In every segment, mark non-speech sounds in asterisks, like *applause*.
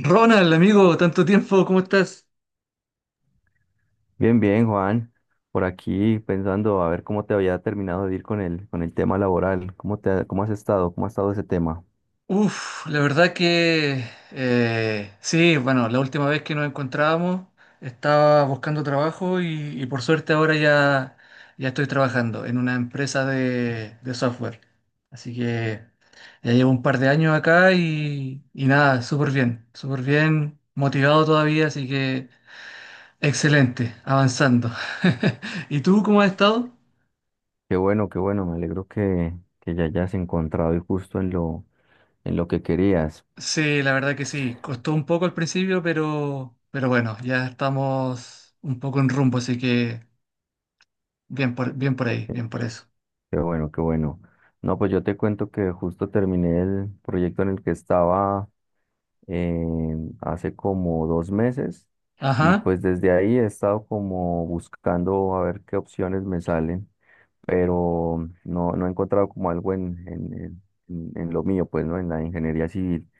Ronald, amigo, tanto tiempo, ¿cómo estás? Bien, bien, Juan. Por aquí pensando a ver cómo te había terminado de ir con con el tema laboral. ¿Cómo cómo has estado? ¿Cómo ha estado ese tema? Uf, la verdad que sí, bueno, la última vez que nos encontrábamos estaba buscando trabajo y por suerte ahora ya, ya estoy trabajando en una empresa de software. Así que ya llevo un par de años acá y nada, súper bien, motivado todavía, así que excelente, avanzando. *laughs* ¿Y tú cómo has estado? Qué bueno, qué bueno. Me alegro que ya hayas encontrado y justo en en lo que querías. Sí, la verdad que sí. Costó un poco al principio, pero bueno, ya estamos un poco en rumbo, así que bien por, bien por ahí, bien por eso. Qué bueno, qué bueno. No, pues yo te cuento que justo terminé el proyecto en el que estaba eh, hace como dos meses y Ajá. pues desde ahí he estado como buscando a ver qué opciones me salen, pero no, no he encontrado como algo en lo mío, pues, ¿no? En la ingeniería civil,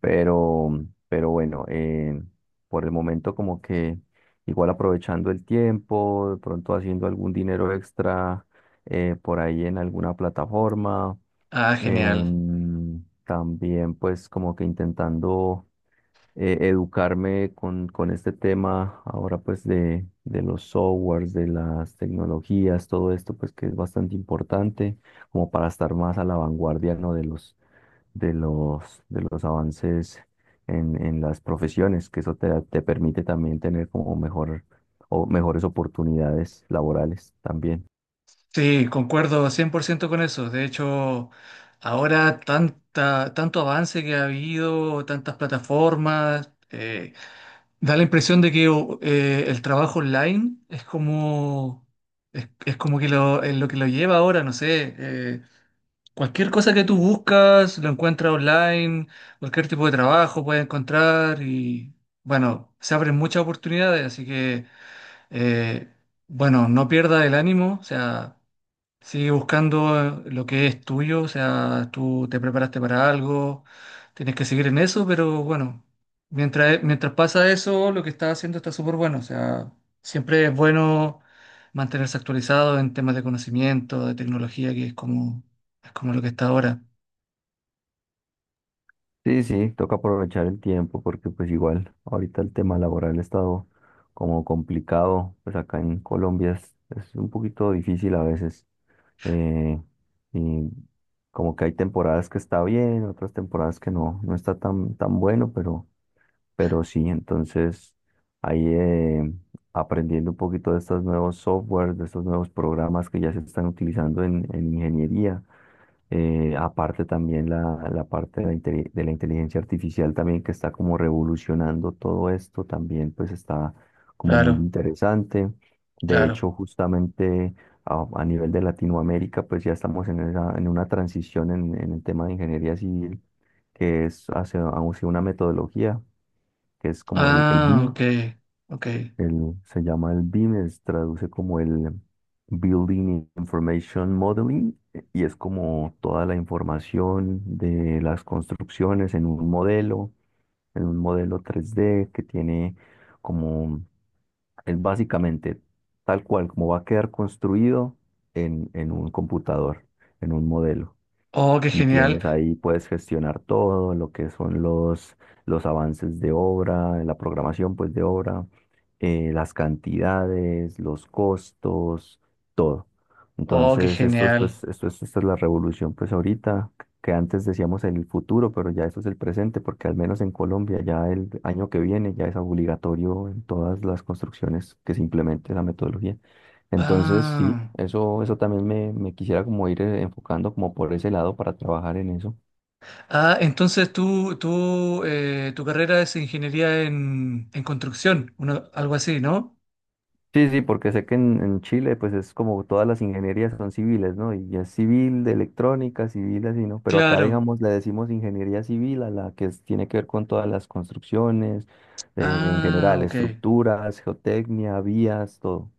pero bueno, por el momento como que igual aprovechando el tiempo, de pronto haciendo algún dinero extra por ahí en alguna plataforma. Ah, genial. También pues como que intentando educarme con este tema ahora pues de los softwares, de las tecnologías, todo esto pues que es bastante importante como para estar más a la vanguardia, ¿no? De los avances en las profesiones, que eso te permite también tener como mejor o mejores oportunidades laborales también. Sí, concuerdo 100% con eso. De hecho, ahora tanta, tanto avance que ha habido, tantas plataformas, da la impresión de que el trabajo online es como que lo, es lo que lo lleva ahora, no sé. Cualquier cosa que tú buscas, lo encuentras online, cualquier tipo de trabajo puedes encontrar y bueno, se abren muchas oportunidades, así que eh, bueno, no pierdas el ánimo, o sea, sí, buscando lo que es tuyo, o sea, tú te preparaste para algo, tienes que seguir en eso, pero bueno, mientras pasa eso, lo que estás haciendo está súper bueno, o sea, siempre es bueno mantenerse actualizado en temas de conocimiento, de tecnología, que es como lo que está ahora. Sí, sí, toca aprovechar el tiempo porque pues igual ahorita el tema laboral ha estado como complicado, pues acá en Colombia es un poquito difícil a veces. eh, y como que hay temporadas que está bien, otras temporadas que no, no está tan bueno, pero sí, entonces ahí aprendiendo un poquito de estos nuevos softwares, de estos nuevos programas que ya se están utilizando en ingeniería. Aparte también la parte de de la inteligencia artificial también que está como revolucionando todo esto, también pues está como muy Claro, interesante. De claro. hecho, justamente a nivel de Latinoamérica, pues ya estamos en una transición en el tema de ingeniería civil, que es hacia una metodología que es como el Ah, BIM, ok, ok. Se llama el BIM, traduce como el Building Information Modeling, y es como toda la información de las construcciones en un modelo tres d que tiene como, es básicamente tal cual como va a quedar construido en un computador, en un modelo Oh, qué y genial, tienes ahí, puedes gestionar todo lo que son los avances de obra, la programación pues de obra, las cantidades, los costos, todo. oh, qué Entonces, esto es genial. pues, esto es, esta es la revolución pues ahorita, que antes decíamos el futuro, pero ya eso es el presente, porque al menos en Colombia ya el año que viene ya es obligatorio en todas las construcciones que se implemente la metodología. Entonces, sí, Ah. eso también me quisiera como ir enfocando como por ese lado para trabajar en eso. Ah, entonces tu carrera es ingeniería en construcción, algo así, ¿no? Sí, sí, porque sé que en Chile pues es como todas las ingenierías son civiles, ¿no? Y es civil, de electrónica, civil así, ¿no? Pero acá, Claro. digamos, le decimos ingeniería civil a la que tiene que ver con todas las construcciones, en Ah, general, ok. estructuras, geotecnia, vías, todo.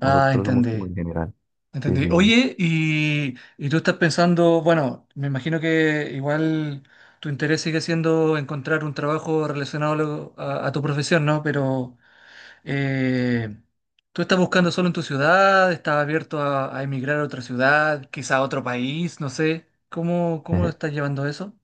Ah, Nosotros somos como entendí. en general. Sí, Entendí. sí. Oye, y tú estás pensando, bueno, me imagino que igual tu interés sigue siendo encontrar un trabajo relacionado a tu profesión, ¿no? Pero eh, ¿tú estás buscando solo en tu ciudad? ¿Estás abierto a emigrar a otra ciudad, quizá a otro país? No sé. ¿Cómo, Sí. cómo lo *laughs* estás llevando eso?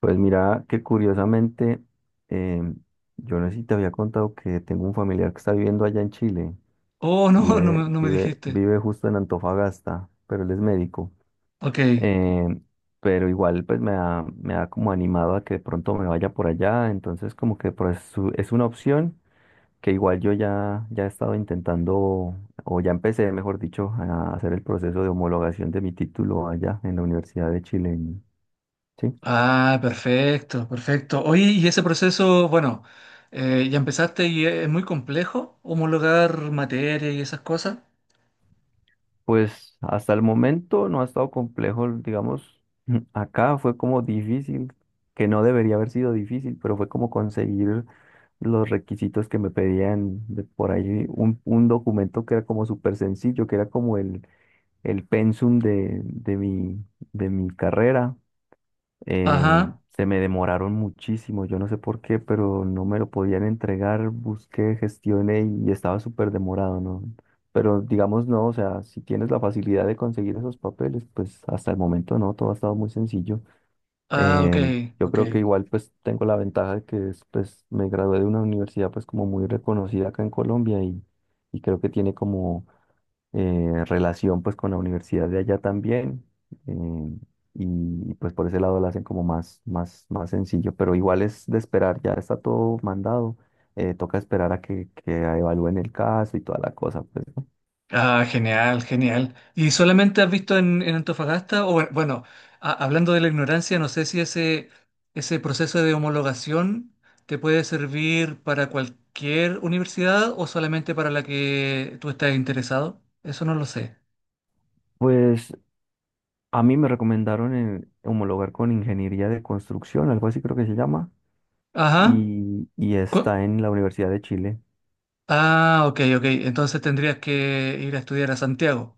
Pues mira que curiosamente, em, yo no sé si te había contado que tengo un familiar que está viviendo allá en Chile, Oh, no, no me, no me dijiste. vive justo en Antofagasta, pero él es médico. Ok. Em, pero igual pues me me ha como animado a que de pronto me vaya por allá, entonces como que pues, es una opción que igual yo ya he estado intentando, o ya empecé, mejor dicho, a hacer el proceso de homologación de mi título allá en la Universidad de Chile. ¿Sí? Ah, perfecto, perfecto. Oye, y ese proceso, bueno, ya empezaste y es muy complejo homologar materia y esas cosas. Pues hasta el momento no ha estado complejo, digamos, *clears throat* *laughs* acá fue como difícil, que no debería haber sido difícil, pero fue como conseguir los requisitos que me pedían de por ahí, un documento que era como súper sencillo, que era como el pensum de de mi carrera, eh, Ajá. se me demoraron muchísimo, yo no sé por qué, pero no me lo podían entregar, busqué, gestioné y estaba súper demorado, ¿no? Pero digamos, no, o sea, si tienes la facilidad de conseguir esos papeles, pues hasta el momento no, todo ha estado muy sencillo. Ah, ok, Eh, yo ok. creo que igual pues tengo la ventaja de que es, pues me gradué de una universidad pues como muy reconocida acá en Colombia y creo que tiene como relación pues con la universidad de allá también. eh, y pues por ese lado lo hacen como más sencillo, pero igual es de esperar, ya está todo mandado, toca esperar a que evalúen el caso y toda la cosa, pues, ¿no? Ah, genial, genial. ¿Y solamente has visto en Antofagasta? O bueno, hablando de la ignorancia, no sé si ese, ese proceso de homologación te puede servir para cualquier universidad o solamente para la que tú estás interesado. Eso no lo sé. Pues a mí me recomendaron homologar con ingeniería de construcción, algo así creo que se llama, Ajá. Y Cu- está en la Universidad de Chile. Ah, ok, ok. Entonces tendrías que ir a estudiar a Santiago.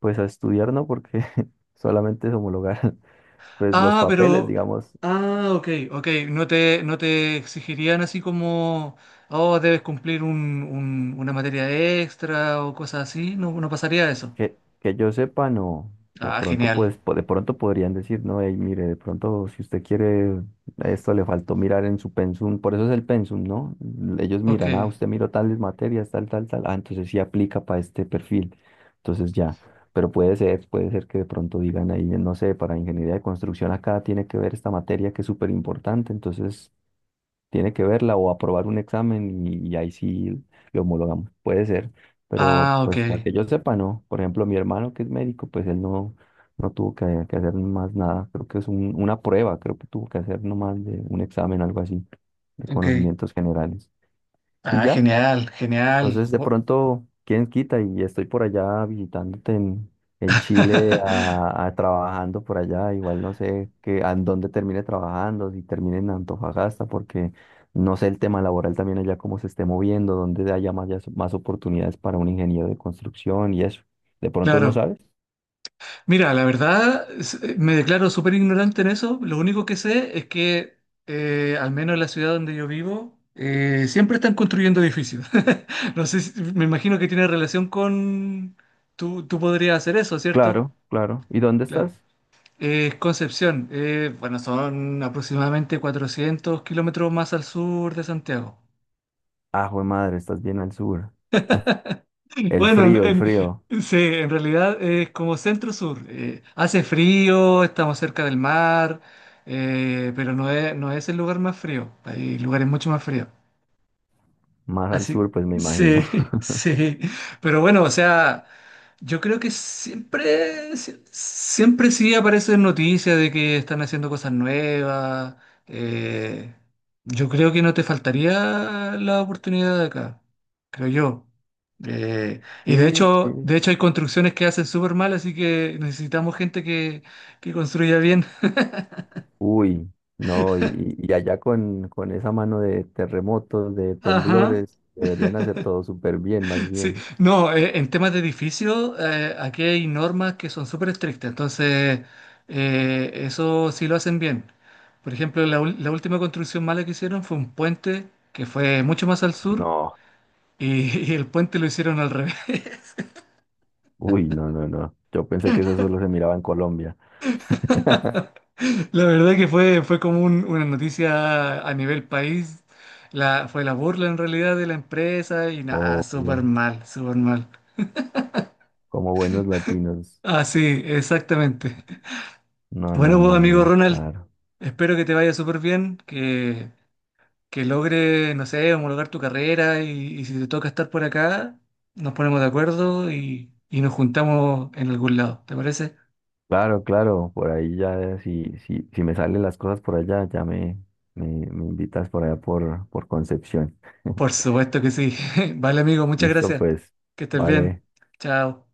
Pues a estudiar no, porque *laughs* solamente es homologar *laughs* pues los Ah, papeles, pero. digamos. Ah, ok, ok. No te exigirían así como. Oh, debes cumplir una materia extra o cosas así. No, no pasaría eso. Que yo sepa, no. De Ah, pronto, genial. pues, de pronto podrían decir, no, hey, mire, de pronto, si usted quiere, esto le faltó mirar en su pensum, por eso es el pensum, ¿no? Ellos Ok. miran, ah, usted miró tales materias, tal, tal, tal, ah, entonces sí aplica para este perfil, entonces ya. Pero puede ser que de pronto digan ahí, no sé, para ingeniería de construcción acá tiene que ver esta materia que es súper importante, entonces tiene que verla o aprobar un examen y ahí sí lo homologamos. Puede ser, pero Ah, ok. pues a que yo sepa, no. Por ejemplo, mi hermano que es médico, pues él no, no tuvo que hacer más nada. Creo que es una prueba, creo que tuvo que hacer nomás de un examen, algo así, de Ok. conocimientos generales. Y Ah, ya. genial, genial. Entonces, de pronto, ¿quién quita? Y estoy por allá visitándote en Chile, *laughs* trabajando por allá. Igual no sé qué, a dónde termine trabajando, si termine en Antofagasta, porque no sé el tema laboral también allá cómo se esté moviendo, dónde haya más, más oportunidades para un ingeniero de construcción y eso. ¿De pronto no Claro. sabes? Mira, la verdad, me declaro súper ignorante en eso. Lo único que sé es que, al menos en la ciudad donde yo vivo, siempre están construyendo edificios. *laughs* No sé, me imagino que tiene relación con... Tú podrías hacer eso, ¿cierto? Claro, claro. ¿Y dónde Claro. estás? Concepción, bueno, son aproximadamente 400 km más al sur de Santiago. Ah, jue madre, estás bien al sur. *laughs* El Bueno, frío, el frío. Sí, en realidad es como centro-sur. Hace frío, estamos cerca del mar, pero no es, no es el lugar más frío. Hay lugares mucho más fríos. Más al sur, Así, pues me imagino. *laughs* sí, *laughs* sí. Pero bueno, o sea, yo creo que siempre, siempre sí aparecen noticias de que están haciendo cosas nuevas. eh, yo creo que no te faltaría la oportunidad de acá, creo yo. Y Sí, sí. de hecho hay construcciones que hacen súper mal, así que necesitamos gente que construya bien. Uy, no, y allá con esa mano de terremotos, de *laughs* Ajá. temblores, deberían hacer todo súper bien, más Sí, bien. no, en temas de edificio, aquí hay normas que son súper estrictas, entonces eso sí lo hacen bien. Por ejemplo, la última construcción mala que hicieron fue un puente que fue mucho más al sur No, y, *laughs* y el puente lo hicieron al revés. *laughs* uy, no, no, no. Yo pensé que eso solo se miraba en Colombia. La verdad que fue, fue como una noticia a nivel país, la, fue la burla en realidad de la empresa y nada, O súper mal, súper mal. como buenos latinos. Ah, sí, exactamente. No, no, Bueno, pues, no, amigo no, Ronald, claro. espero que te vaya súper bien, que logre, no sé, homologar tu carrera y si te toca estar por acá, nos ponemos de acuerdo y nos juntamos en algún lado, ¿te parece? Claro, claro, por ahí ya, si, si, si me salen las cosas por allá, me invitas por allá por Concepción. *laughs* Por supuesto que sí. *laughs* Vale, amigo, muchas Listo, gracias. pues, Que estés vale. bien. Chao.